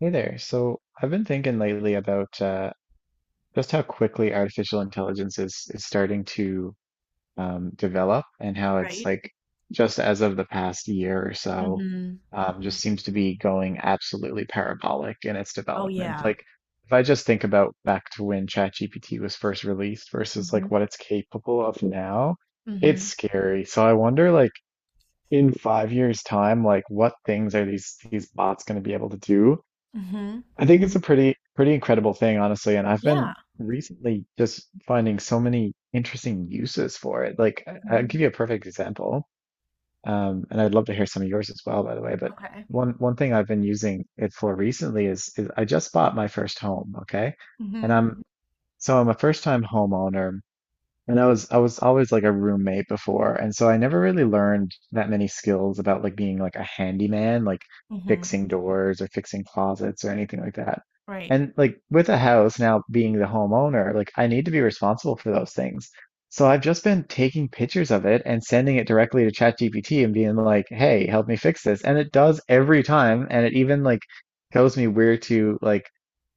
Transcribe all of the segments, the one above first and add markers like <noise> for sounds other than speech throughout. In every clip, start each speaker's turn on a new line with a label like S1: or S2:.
S1: Hey there. So I've been thinking lately about just how quickly artificial intelligence is starting to develop. And how it's
S2: Right?
S1: like just as of the past year or so,
S2: Mhm.
S1: just seems to be going absolutely parabolic in its
S2: Oh,
S1: development.
S2: yeah.
S1: Like if I just think about back to when ChatGPT was first released versus
S2: Mhm.
S1: like what it's capable of now, it's
S2: Mhm.
S1: scary. So I wonder like in 5 years' time, like what things are these bots going to be able to do?
S2: Mhm.
S1: I think it's a pretty incredible thing, honestly, and I've
S2: Yeah.
S1: been recently just finding so many interesting uses for it. Like, I'll
S2: Mhm.
S1: give you a perfect example, and I'd love to hear some of yours as well, by the way. But
S2: Okay.
S1: one thing I've been using it for recently is I just bought my first home, okay, and
S2: Mhm.
S1: I'm a first time homeowner, and I was always like a roommate before, and so I never really learned that many skills about like being like a handyman, like
S2: Mhm.
S1: fixing doors or fixing closets or anything like that.
S2: Right.
S1: And like with a house now being the homeowner, like I need to be responsible for those things. So I've just been taking pictures of it and sending it directly to ChatGPT and being like, "Hey, help me fix this." And it does every time, and it even like tells me where to like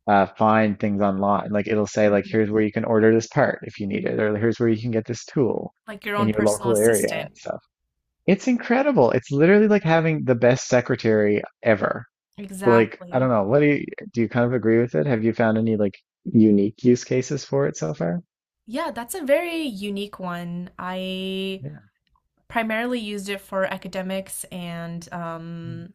S1: find things online. Like it'll say like
S2: Mhm.
S1: here's where you can order this part if you need it, or here's where you can get this tool
S2: Like your
S1: in
S2: own
S1: your
S2: personal
S1: local area and
S2: assistant.
S1: stuff. It's incredible. It's literally like having the best secretary ever. So, like I don't
S2: Exactly.
S1: know, what do you kind of agree with it? Have you found any like unique use cases for it so far?
S2: Yeah, that's a very unique one. I
S1: Yeah.
S2: primarily used it for academics and
S1: Mm,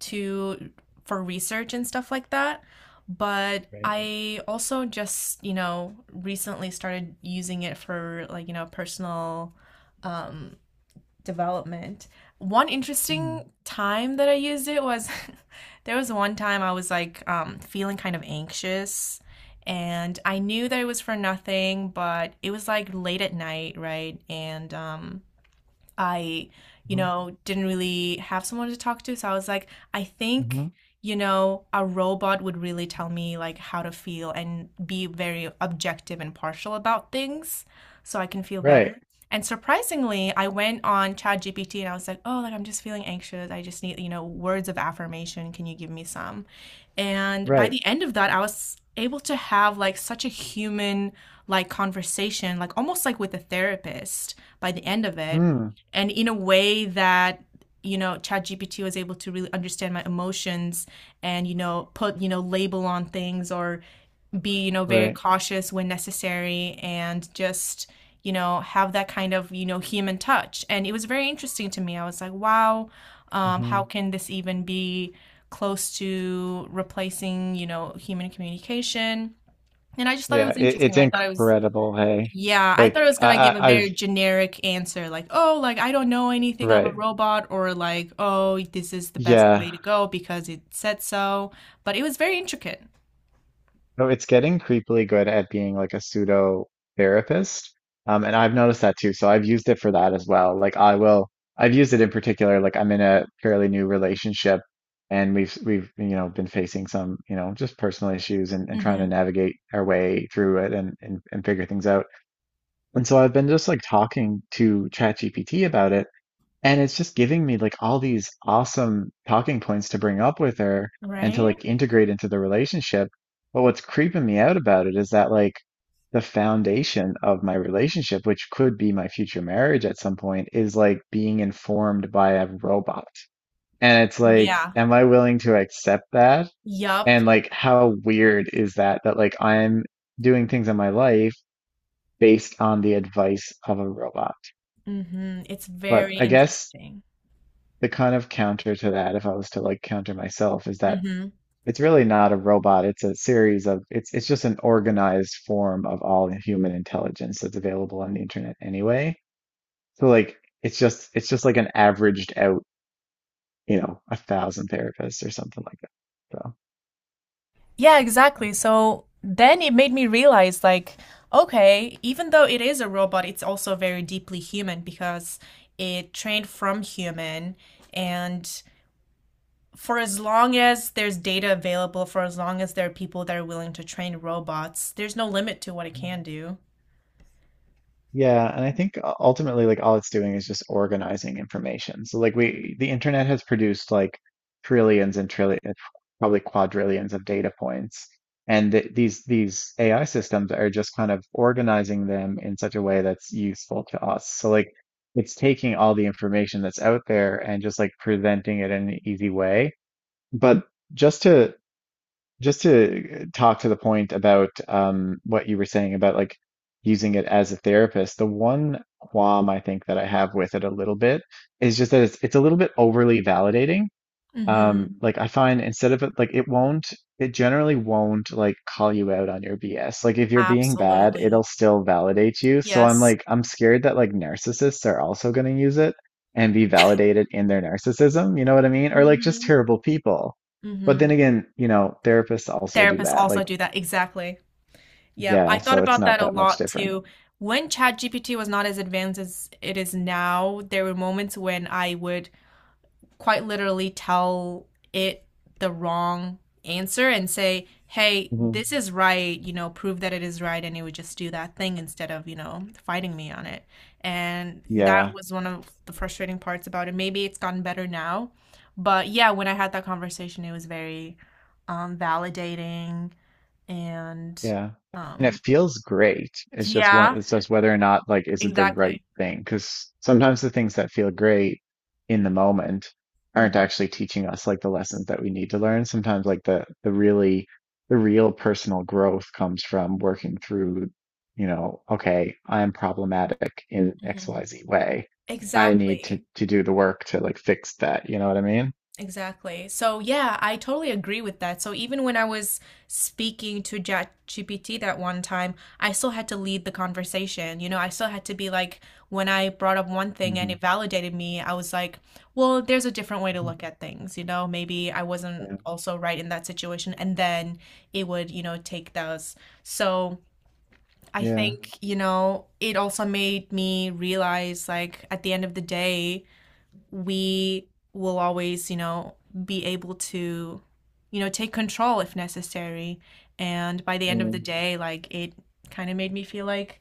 S2: to for research and stuff like that. But
S1: right.
S2: I also just, you know, recently started using it for like, you know, personal um, development. One
S1: Mm-hmm.
S2: interesting time that I used it was <laughs> there was one time I was like feeling kind of anxious, and I knew that it was for nothing, but it was like late at night, right? And I, you know, didn't really have someone to talk to. So I was like, I
S1: Hmm.
S2: think, you know, a robot would really tell me like how to feel and be very objective and partial about things so I can feel better.
S1: Right.
S2: And surprisingly, I went on ChatGPT and I was like, oh, like I'm just feeling anxious. I just need, you know, words of affirmation. Can you give me some? And by
S1: Right.
S2: the end of that, I was able to have like such a human like conversation, like almost like with a therapist by the end of it,
S1: Mm.
S2: and in a way that you know ChatGPT was able to really understand my emotions, and you know put you know label on things or be you know very
S1: Right.
S2: cautious when necessary, and just you know have that kind of you know human touch. And it was very interesting to me. I was like, wow,
S1: Hmm.
S2: how can this even be close to replacing you know human communication? And I just thought it
S1: Yeah,
S2: was
S1: it,
S2: interesting.
S1: it's
S2: I thought it was,
S1: incredible, hey.
S2: yeah, I thought
S1: Like
S2: it was gonna give a
S1: I I've
S2: very generic answer, like, oh, like I don't know anything, I'm a
S1: right.
S2: robot, or like, oh, this is the best
S1: Yeah.
S2: way to go because it said so. But it was very intricate.
S1: No, it's getting creepily good at being like a pseudo therapist. And I've noticed that too. So I've used it for that as well. I've used it in particular, like I'm in a fairly new relationship and you know, been facing some, you know, just personal issues and trying
S2: Hmm.
S1: to navigate our way through it and, and figure things out. And so I've been just like talking to ChatGPT about it. And it's just giving me like all these awesome talking points to bring up with her and to
S2: Right?
S1: like integrate into the relationship. But what's creeping me out about it is that like the foundation of my relationship, which could be my future marriage at some point, is like being informed by a robot. And it's like,
S2: Yeah.
S1: am I willing to accept that?
S2: Yup.
S1: And like, how weird is that that like I'm doing things in my life based on the advice of a robot?
S2: Hmm. It's
S1: But
S2: very
S1: I guess
S2: interesting.
S1: the kind of counter to that, if I was to like counter myself, is that
S2: Hmm.
S1: it's really not a robot. It's a series of it's just an organized form of all human intelligence that's available on the internet anyway. So like it's just like an averaged out, you know, a thousand therapists or something like that. So
S2: Yeah, exactly. So then it made me realize, like, okay, even though it is a robot, it's also very deeply human because it trained from human and for as long as there's data available, for as long as there are people that are willing to train robots, there's no limit to what it
S1: mhm.
S2: can do.
S1: Yeah, and I think ultimately, like all it's doing is just organizing information. So like we, the internet has produced like trillions and trillions, probably quadrillions of data points, and th these AI systems are just kind of organizing them in such a way that's useful to us. So like it's taking all the information that's out there and just like presenting it in an easy way. But just to just to talk to the point about what you were saying about like using it as a therapist, the one qualm I think that I have with it a little bit is just that it's a little bit overly validating.
S2: Mhm.
S1: Like I find instead of it, like it won't, it generally won't like call you out on your BS. Like if you're being bad,
S2: Absolutely.
S1: it'll still validate you. So
S2: Yes.
S1: I'm scared that like narcissists are also going to use it and be validated in their narcissism. You know what I mean? Or like just
S2: Mhm.
S1: terrible people. But then
S2: Mhm.
S1: again, you know, therapists also do
S2: Therapists
S1: that.
S2: also
S1: Like,
S2: do that. Exactly. Yeah,
S1: yeah,
S2: I thought
S1: so it's
S2: about
S1: not
S2: that a
S1: that much
S2: lot
S1: different.
S2: too. When ChatGPT was not as advanced as it is now, there were moments when I would quite literally tell it the wrong answer and say, hey,
S1: Mhm.
S2: this is right, you know, prove that it is right, and it would just do that thing instead of, you know, fighting me on it. And that
S1: Yeah.
S2: was one of the frustrating parts about it. Maybe it's gotten better now, but yeah, when I had that conversation, it was very validating and
S1: Yeah. And it
S2: um,
S1: feels great. It's just
S2: yeah,
S1: one, it's just whether or not, like, is it the right
S2: exactly.
S1: thing? Because sometimes the things that feel great in the moment aren't
S2: Mhm.
S1: actually teaching us like the lessons that we need to learn. Sometimes like the real personal growth comes from working through, you know, okay, I'm problematic in
S2: Mhm.
S1: XYZ way. I need
S2: Exactly.
S1: to do the work to like fix that. You know what I mean?
S2: Exactly. So yeah, I totally agree with that. So even when I was speaking to ChatGPT that one time, I still had to lead the conversation. You know, I still had to be like, when I brought up one thing and
S1: Hmm.
S2: it validated me, I was like, well, there's a different way to look at things. You know, maybe I wasn't
S1: Yeah.
S2: also right in that situation. And then it would, you know, take those. So I
S1: Yeah.
S2: think, you know, it also made me realize like at the end of the day, we will always, you know, be able to, you know, take control if necessary. And by the end of the
S1: Mm.
S2: day, like it kind of made me feel like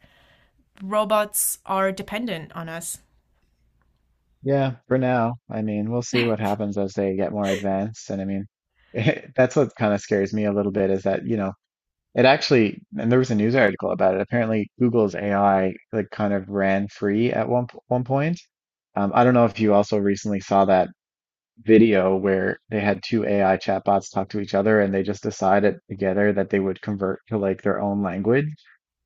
S2: robots are dependent on us.
S1: Yeah, for now. I mean, we'll see what happens as they get more advanced. And I mean, <laughs> that's what kind of scares me a little bit is that, you know, it actually, and there was a news article about it. Apparently, Google's AI like kind of ran free at one point. I don't know if you also recently saw that video where they had two AI chatbots talk to each other and they just decided together that they would convert to like their own language,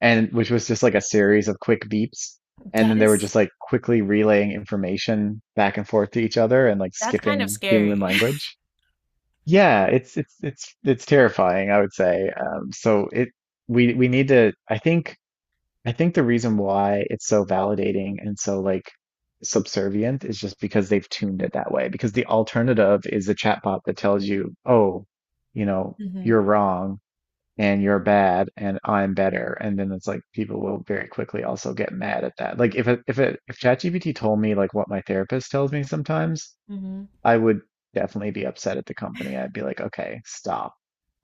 S1: and which was just like a series of quick beeps, and
S2: That
S1: then they were
S2: is,
S1: just like quickly relaying information back and forth to each other and like
S2: that's kind of
S1: skipping human
S2: scary.
S1: language. Yeah, it's terrifying, I would say. So it, we need to, I think the reason why it's so validating and so like subservient is just because they've tuned it that way. Because the alternative is a chatbot that tells you, oh, you
S2: <laughs>
S1: know,
S2: Hmm.
S1: you're wrong and you're bad and I'm better. And then it's like people will very quickly also get mad at that. Like if ChatGPT told me like what my therapist tells me sometimes,
S2: Hmm.
S1: I would definitely be upset at the company. I'd be like, okay, stop.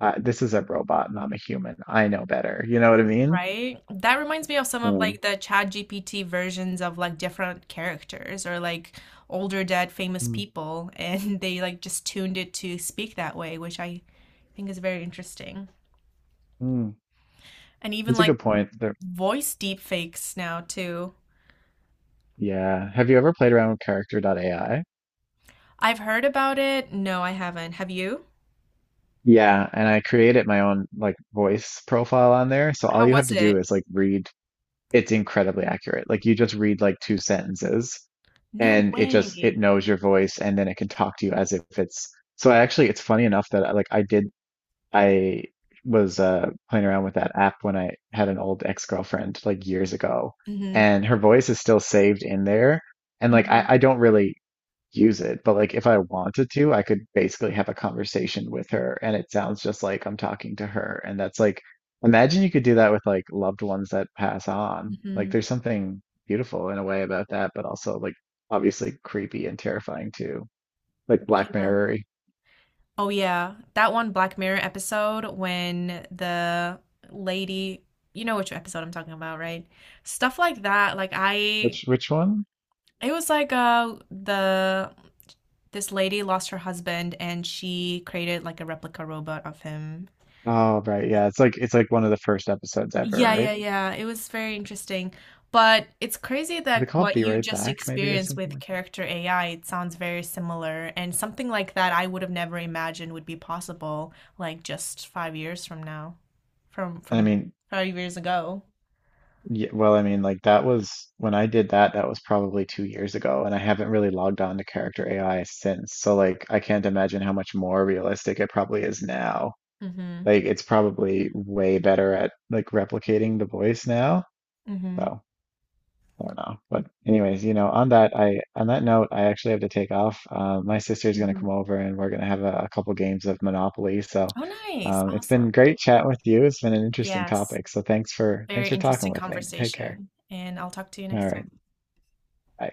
S1: This is a robot and I'm a human. I know better. You know what I mean?
S2: Right? That reminds me of some of
S1: Mm.
S2: like the ChatGPT versions of like different characters or like older dead famous
S1: Mm.
S2: people, and <laughs> they like just tuned it to speak that way, which I think is very interesting.
S1: Mm.
S2: And even
S1: That's a
S2: like
S1: good point. There,
S2: voice deepfakes now too.
S1: yeah. Have you ever played around with Character AI?
S2: I've heard about it. No, I haven't. Have you?
S1: Yeah, and I created my own like voice profile on there. So all
S2: How
S1: you have
S2: was
S1: to do
S2: it?
S1: is like read. It's incredibly accurate. Like you just read like two sentences
S2: No
S1: and it
S2: way.
S1: knows your voice and then it can talk to you as if it's, so I actually it's funny enough that I, like I did I was playing around with that app when I had an old ex-girlfriend like years ago
S2: Hmm.
S1: and her voice is still saved in there. And like
S2: Hmm.
S1: I don't really use it. But like if I wanted to, I could basically have a conversation with her and it sounds just like I'm talking to her. And that's like, imagine you could do that with like loved ones that pass on. Like
S2: Hmm.
S1: there's something beautiful in a way about that, but also like obviously creepy and terrifying too. Like Black
S2: Yeah.
S1: Mirror.
S2: Oh yeah. That one Black Mirror episode when the lady, you know which episode I'm talking about, right? Stuff like that. Like I
S1: Which one?
S2: it was like the this lady lost her husband and she created like a replica robot of him.
S1: Oh, right. Yeah, it's like one of the first episodes ever,
S2: Yeah,
S1: right?
S2: yeah, yeah. It was very interesting. But it's crazy
S1: Is it
S2: that
S1: called
S2: what
S1: Be
S2: you
S1: Right
S2: just
S1: Back maybe or
S2: experienced
S1: something
S2: with
S1: like
S2: Character AI, it sounds very similar. And something like that I would have never imagined would be possible, like just 5 years from now, from
S1: that?
S2: from 5 years ago.
S1: Yeah, well, I mean, like that was when I did that, that was probably 2 years ago, and I haven't really logged on to Character AI since. So, like, I can't imagine how much more realistic it probably is now.
S2: Mm-hmm.
S1: Like, it's probably way better at like replicating the voice now.
S2: Mm-hmm.
S1: So, I don't know. But anyways, you know, on that note, I actually have to take off. My sister's gonna
S2: Mm-hmm.
S1: come over, and we're gonna have a couple games of Monopoly. So,
S2: Oh, nice.
S1: it's
S2: Awesome.
S1: been great chatting with you. It's been an interesting
S2: Yes.
S1: topic. So, thanks
S2: Very
S1: for talking
S2: interesting
S1: with me. Take care.
S2: conversation. And I'll talk to you
S1: All
S2: next
S1: right.
S2: time.
S1: I,